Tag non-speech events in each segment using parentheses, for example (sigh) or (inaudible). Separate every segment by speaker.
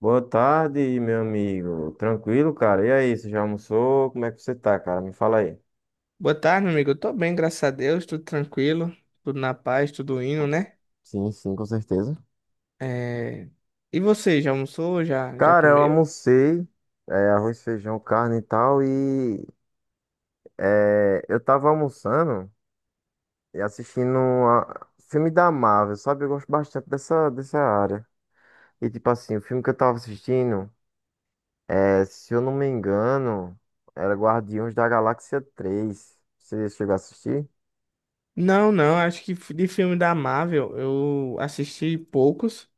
Speaker 1: Boa tarde, meu amigo. Tranquilo, cara? E aí, você já almoçou? Como é que você tá, cara? Me fala aí.
Speaker 2: Boa tarde, meu amigo. Eu tô bem, graças a Deus, tudo tranquilo, tudo na paz, tudo indo, né?
Speaker 1: Sim, sim, com certeza.
Speaker 2: É, e você, já almoçou? Já
Speaker 1: Cara, eu
Speaker 2: comeu?
Speaker 1: almocei, arroz, feijão, carne e tal, e eu tava almoçando e assistindo a filme da Marvel, sabe? Eu gosto bastante dessa área. E tipo assim, o filme que eu tava assistindo, se eu não me engano, era Guardiões da Galáxia 3. Você chegou a assistir?
Speaker 2: Não, não, acho que de filme da Marvel eu assisti poucos.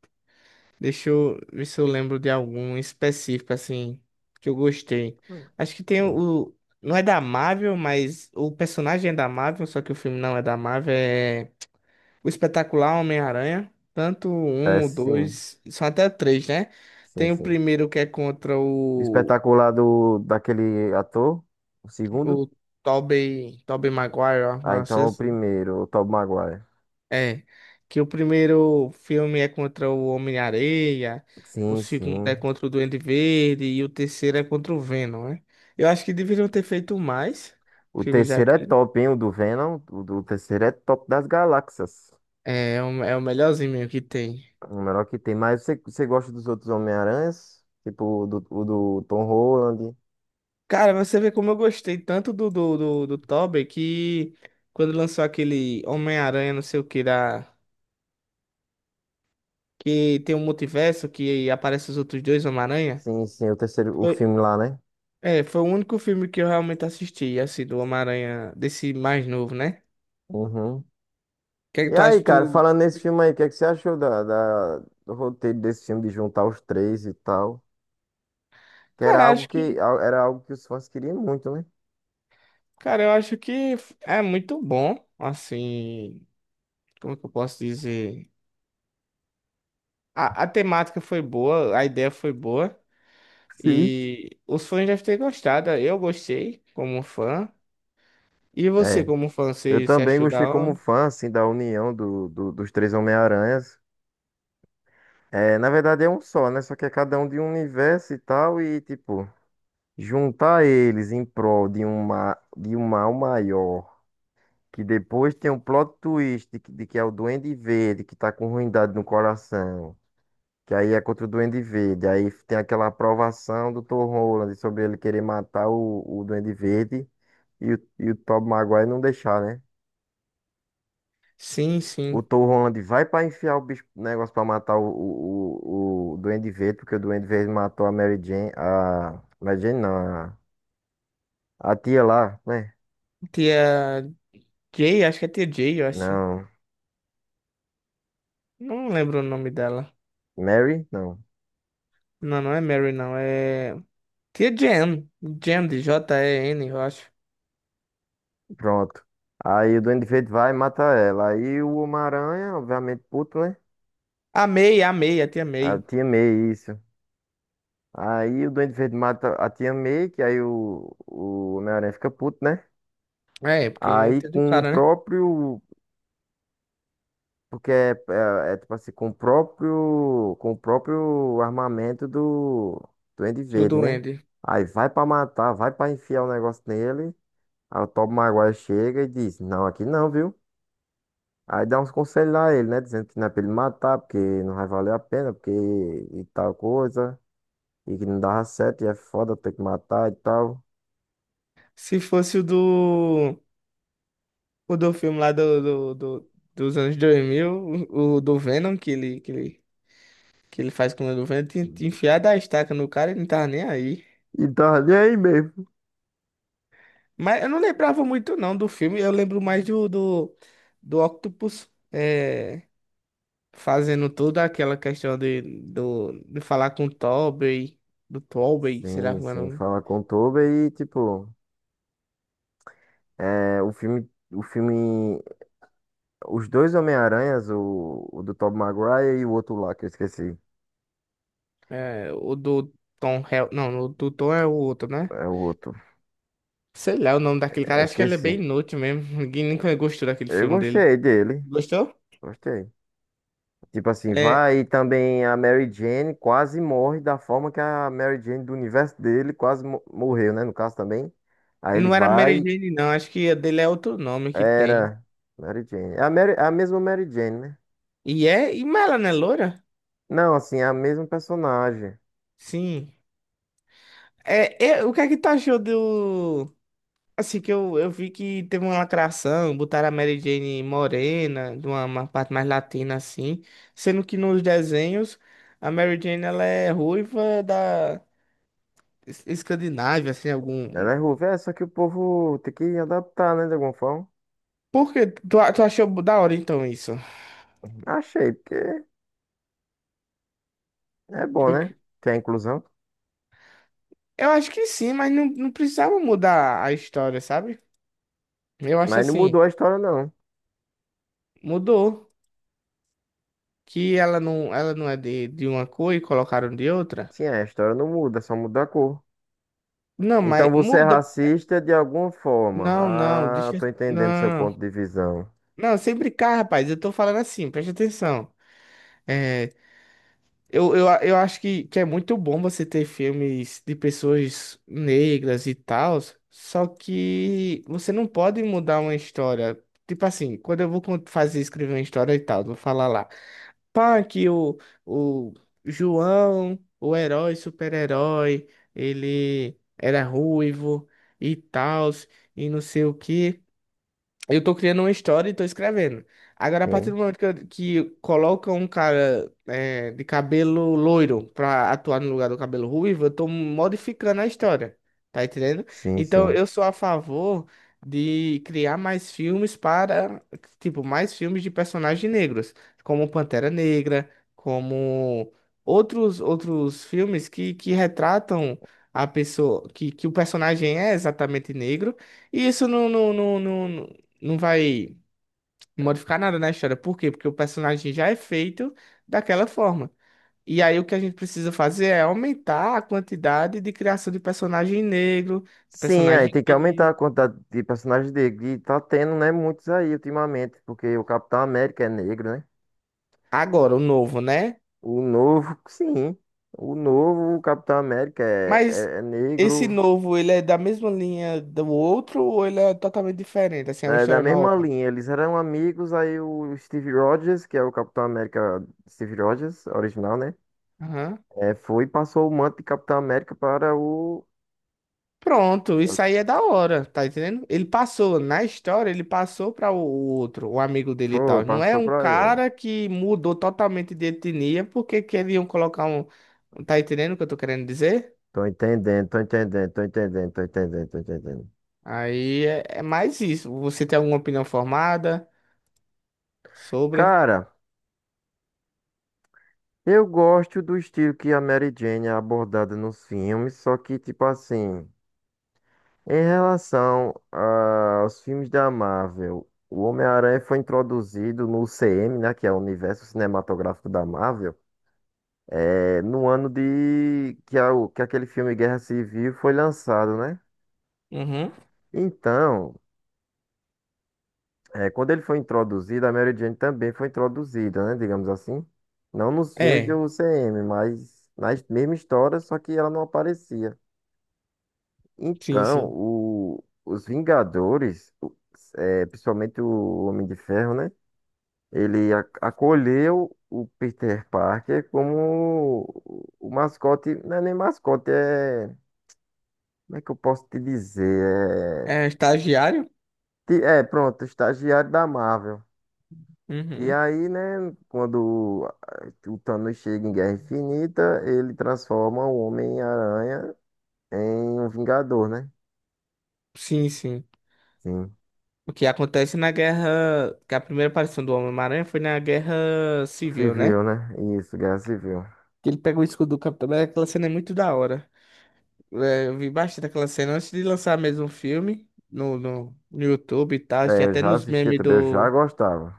Speaker 2: Deixa eu ver se eu lembro de algum específico, assim, que eu gostei. Acho que tem
Speaker 1: Sim.
Speaker 2: o. Não é da Marvel, mas o personagem é da Marvel, só que o filme não é da Marvel, é O Espetacular Homem-Aranha, tanto
Speaker 1: É,
Speaker 2: um, o dois, são até três, né? Tem o
Speaker 1: sim.
Speaker 2: primeiro que é contra
Speaker 1: Espetacular daquele ator? O segundo?
Speaker 2: o Tobey Maguire, ó,
Speaker 1: Ah,
Speaker 2: não
Speaker 1: então é
Speaker 2: sei
Speaker 1: o primeiro, o Tobey Maguire.
Speaker 2: é. Que o primeiro filme é contra o Homem-Areia, o
Speaker 1: Sim,
Speaker 2: segundo é
Speaker 1: sim.
Speaker 2: contra o Duende Verde e o terceiro é contra o Venom, né? Eu acho que deveriam ter feito mais
Speaker 1: O
Speaker 2: filmes
Speaker 1: terceiro é
Speaker 2: daquele.
Speaker 1: top, hein? O do Venom. O do terceiro é top das galáxias.
Speaker 2: É, é o, é o melhorzinho mesmo que tem.
Speaker 1: O melhor que tem. Mas você gosta dos outros Homem-Aranhas? Tipo o do Tom Holland.
Speaker 2: Cara, você vê como eu gostei tanto do Tobey que quando lançou aquele Homem-Aranha, não sei o que, da, que tem um multiverso que aparece os outros dois Homem-Aranha.
Speaker 1: Sim, sim, o terceiro, o
Speaker 2: Foi,
Speaker 1: filme lá, né?
Speaker 2: é, foi o único filme que eu realmente assisti, assim, do Homem-Aranha, desse mais novo, né?
Speaker 1: Uhum.
Speaker 2: O que é que
Speaker 1: E
Speaker 2: tu acha?
Speaker 1: aí,
Speaker 2: Tu...
Speaker 1: cara, falando nesse filme aí, o que é que você achou do roteiro desse filme, de juntar os três e tal? Que era
Speaker 2: Cara,
Speaker 1: algo era algo que os fãs queriam muito, né?
Speaker 2: eu acho que é muito bom, assim, como é que eu posso dizer? A temática foi boa, a ideia foi boa.
Speaker 1: Sim.
Speaker 2: E os fãs devem ter gostado. Eu gostei como fã. E você,
Speaker 1: É,
Speaker 2: como fã,
Speaker 1: eu
Speaker 2: você
Speaker 1: também
Speaker 2: achou
Speaker 1: gostei
Speaker 2: da
Speaker 1: como
Speaker 2: hora?
Speaker 1: fã, assim, da união dos três Homem-Aranhas. É, na verdade é um só, né? Só que é cada um de um universo e tal, e tipo, juntar eles em prol de um mal maior, que depois tem um plot twist que de que é o Duende Verde, que tá com ruindade no coração, que aí é contra o Duende Verde, aí tem aquela aprovação do Tom Holland sobre ele querer matar o Duende Verde e o Tobey Maguire não deixar, né?
Speaker 2: Sim,
Speaker 1: O
Speaker 2: sim.
Speaker 1: Tom Holland vai pra enfiar o bicho, negócio pra matar o Duende Verde, porque o Duende Verde matou a Mary Jane não, a tia lá, né?
Speaker 2: Tia Jay, acho que é Tia Jay, eu acho.
Speaker 1: Não,
Speaker 2: Não lembro o nome dela.
Speaker 1: Mary? Não,
Speaker 2: Não, não é Mary, não. É Tia Jan. Jan de J-E-N, eu acho.
Speaker 1: pronto. Aí o Duende Verde vai e mata ela. Aí o Homem-Aranha, obviamente puto, né?
Speaker 2: A May, a May, a Tia
Speaker 1: A
Speaker 2: May.
Speaker 1: tia May, isso. Aí o Duende Verde mata a tia May, que aí o Homem-Aranha fica puto, né?
Speaker 2: É, porque é a
Speaker 1: Aí
Speaker 2: tia do
Speaker 1: com o
Speaker 2: cara, né?
Speaker 1: próprio. Porque é, tipo assim, com o próprio armamento do Duende
Speaker 2: Do
Speaker 1: Verde, né?
Speaker 2: Duende.
Speaker 1: Aí vai pra matar, vai pra enfiar o negócio nele. Aí o Tobey Maguire chega e diz, não, aqui não, viu? Aí dá uns conselhos a ele, né? Dizendo que não é pra ele matar, porque não vai valer a pena, porque e tal coisa. E que não dava certo, e é foda ter que matar e tal.
Speaker 2: Se fosse o do filme lá dos anos 2000, o do Venom, que ele, que ele faz com o governo, tinha enfiado a estaca no cara e não tava nem aí.
Speaker 1: E tá nem aí mesmo.
Speaker 2: Mas eu não lembrava muito não do filme, eu lembro mais do Octopus é, fazendo toda aquela questão de falar com o Tobey, do Tobey, sei lá
Speaker 1: Sim,
Speaker 2: como é o
Speaker 1: sim,
Speaker 2: nome,
Speaker 1: fala com o Tobey e, tipo, é, o filme os dois Homem-Aranhas, o do Tobey Maguire e o outro lá, que eu esqueci.
Speaker 2: é, o do Tom Hel, não, o do Tom é o outro, né?
Speaker 1: É o outro.
Speaker 2: Sei lá o nome daquele
Speaker 1: É,
Speaker 2: cara, acho que ele é bem
Speaker 1: esqueci.
Speaker 2: inútil mesmo, (laughs) ninguém nunca gostou daquele
Speaker 1: Eu
Speaker 2: filme dele.
Speaker 1: gostei dele.
Speaker 2: Gostou?
Speaker 1: Gostei. Tipo assim,
Speaker 2: É,
Speaker 1: vai e também a Mary Jane quase morre da forma que a Mary Jane do universo dele quase morreu, né? No caso também. Aí ele
Speaker 2: não era Mary
Speaker 1: vai,
Speaker 2: Jane não, acho que a dele é outro nome que tem.
Speaker 1: era Mary Jane. É a, Mary, é a mesma Mary Jane, né?
Speaker 2: E é, e mas ela não é loira?
Speaker 1: Não, assim, é a mesma personagem.
Speaker 2: Sim. É, é, o que é que tu achou do. Assim, que eu vi que teve uma lacração, botaram a Mary Jane morena, de uma parte mais latina assim, sendo que nos desenhos a Mary Jane ela é ruiva da Escandinávia, assim,
Speaker 1: Ela
Speaker 2: algum.
Speaker 1: é ruiva, é, só que o povo tem que adaptar, né, de alguma forma.
Speaker 2: Por que tu, tu achou da hora então isso?
Speaker 1: Achei, porque é bom,
Speaker 2: Eu,
Speaker 1: né? Tem a inclusão.
Speaker 2: eu acho que sim, mas não, não precisava mudar a história, sabe? Eu acho
Speaker 1: Mas não
Speaker 2: assim,
Speaker 1: mudou a história, não.
Speaker 2: mudou. Que ela não é de uma cor e colocaram de outra?
Speaker 1: Sim, a história não muda, só muda a cor.
Speaker 2: Não,
Speaker 1: Então
Speaker 2: mas
Speaker 1: você é
Speaker 2: muda.
Speaker 1: racista de alguma forma.
Speaker 2: Não, não,
Speaker 1: Ah,
Speaker 2: deixa.
Speaker 1: tô entendendo seu
Speaker 2: Não.
Speaker 1: ponto de visão.
Speaker 2: Não, sem brincar, rapaz. Eu tô falando assim, preste atenção. É, eu acho que é muito bom você ter filmes de pessoas negras e tal, só que você não pode mudar uma história. Tipo assim, quando eu vou fazer escrever uma história e tal, vou falar lá. Pá, que o João, o herói, super-herói, ele era ruivo e tal, e não sei o quê. Eu tô criando uma história e tô escrevendo. Agora, a partir
Speaker 1: Sim,
Speaker 2: do momento que, que colocam um cara é, de cabelo loiro pra atuar no lugar do cabelo ruivo, eu tô modificando a história. Tá entendendo?
Speaker 1: sim,
Speaker 2: Então,
Speaker 1: sim.
Speaker 2: eu sou a favor de criar mais filmes para, tipo, mais filmes de personagens negros, como Pantera Negra, como outros filmes que retratam a pessoa, que o personagem é exatamente negro. E isso não, não vai modificar nada na história. Por quê? Porque o personagem já é feito daquela forma. E aí o que a gente precisa fazer é aumentar a quantidade de criação de personagem negro, de
Speaker 1: Sim, aí
Speaker 2: personagem
Speaker 1: tem que aumentar
Speaker 2: gay.
Speaker 1: a quantidade de personagens negros. E tá tendo, né, muitos aí ultimamente, porque o Capitão América é negro, né?
Speaker 2: Agora, o novo, né?
Speaker 1: O novo, sim. O novo Capitão América
Speaker 2: Mas
Speaker 1: é
Speaker 2: esse
Speaker 1: negro.
Speaker 2: novo, ele é da mesma linha do outro ou ele é totalmente diferente? Assim, é uma
Speaker 1: É da
Speaker 2: história
Speaker 1: mesma
Speaker 2: nova?
Speaker 1: linha. Eles eram amigos, aí o Steve Rogers, que é o Capitão América Steve Rogers, original, né?
Speaker 2: Aham.
Speaker 1: É, foi e passou o manto de Capitão América para o.
Speaker 2: Pronto, isso aí é da hora, tá entendendo? Ele passou, na história, ele passou para o outro, o amigo dele e
Speaker 1: Foi,
Speaker 2: tal. Não é
Speaker 1: passou
Speaker 2: um
Speaker 1: para ele.
Speaker 2: cara que mudou totalmente de etnia porque queriam colocar um. Um, tá entendendo o que eu tô querendo dizer?
Speaker 1: Tô entendendo, tô entendendo.
Speaker 2: Aí é, é mais isso. Você tem alguma opinião formada sobre?
Speaker 1: Cara, eu gosto do estilo que a Mary Jane é abordada nos filmes, só que, tipo assim, em relação aos filmes da Marvel, o Homem-Aranha foi introduzido no UCM, né, que é o Universo Cinematográfico da Marvel, é, no ano de que, que aquele filme Guerra Civil foi lançado, né?
Speaker 2: Uhum.
Speaker 1: Então, é, quando ele foi introduzido, a Mary Jane também foi introduzida, né? Digamos assim. Não nos filmes do
Speaker 2: É,
Speaker 1: UCM, mas na mesma história, só que ela não aparecia.
Speaker 2: sim,
Speaker 1: Então,
Speaker 2: sim.
Speaker 1: os Vingadores, principalmente o Homem de Ferro, né? Ele acolheu o Peter Parker como o mascote. Não é nem mascote, é. Como é que eu posso te dizer?
Speaker 2: É
Speaker 1: É,
Speaker 2: estagiário?
Speaker 1: pronto, estagiário da Marvel. E
Speaker 2: Uhum.
Speaker 1: aí, né, quando ah, o Thanos chega em Guerra Infinita, ele transforma o Homem-Aranha em um Vingador, né?
Speaker 2: Sim, sim.
Speaker 1: Sim.
Speaker 2: O que acontece na guerra. Que a primeira aparição do Homem-Aranha foi na guerra civil, né?
Speaker 1: Civil, né? Isso, Guerra Civil.
Speaker 2: Que ele pega o escudo do Capitão América, aquela cena é muito da hora. É, eu vi bastante aquela cena antes de lançar mesmo o filme no YouTube e tal.
Speaker 1: É,
Speaker 2: Tinha
Speaker 1: eu
Speaker 2: até
Speaker 1: já
Speaker 2: nos
Speaker 1: assisti
Speaker 2: memes
Speaker 1: também, eu já
Speaker 2: do.
Speaker 1: gostava.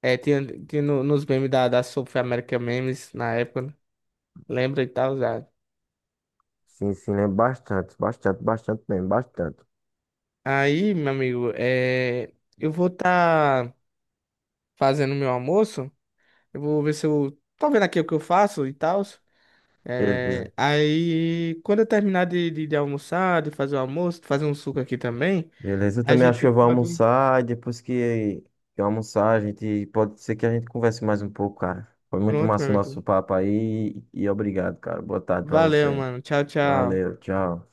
Speaker 2: É, tinha nos memes da, da South America Memes na época, né? Lembra e tal, já.
Speaker 1: Sim, sim, lembro bastante.
Speaker 2: Aí, meu amigo, é, eu vou estar fazendo meu almoço. Eu vou ver se eu. Tô vendo aqui o que eu faço e tal.
Speaker 1: Beleza.
Speaker 2: É, aí, quando eu terminar de almoçar, de fazer o almoço, de fazer um suco aqui também.
Speaker 1: Beleza, eu
Speaker 2: A
Speaker 1: também acho que
Speaker 2: gente
Speaker 1: eu vou
Speaker 2: pode.
Speaker 1: almoçar e depois que eu almoçar, a gente pode ser que a gente converse mais um pouco, cara. Foi muito
Speaker 2: Pronto, meu
Speaker 1: massa o nosso
Speaker 2: amigo.
Speaker 1: papo aí e obrigado, cara. Boa tarde pra
Speaker 2: Valeu,
Speaker 1: você.
Speaker 2: mano. Tchau, tchau.
Speaker 1: Valeu, tchau.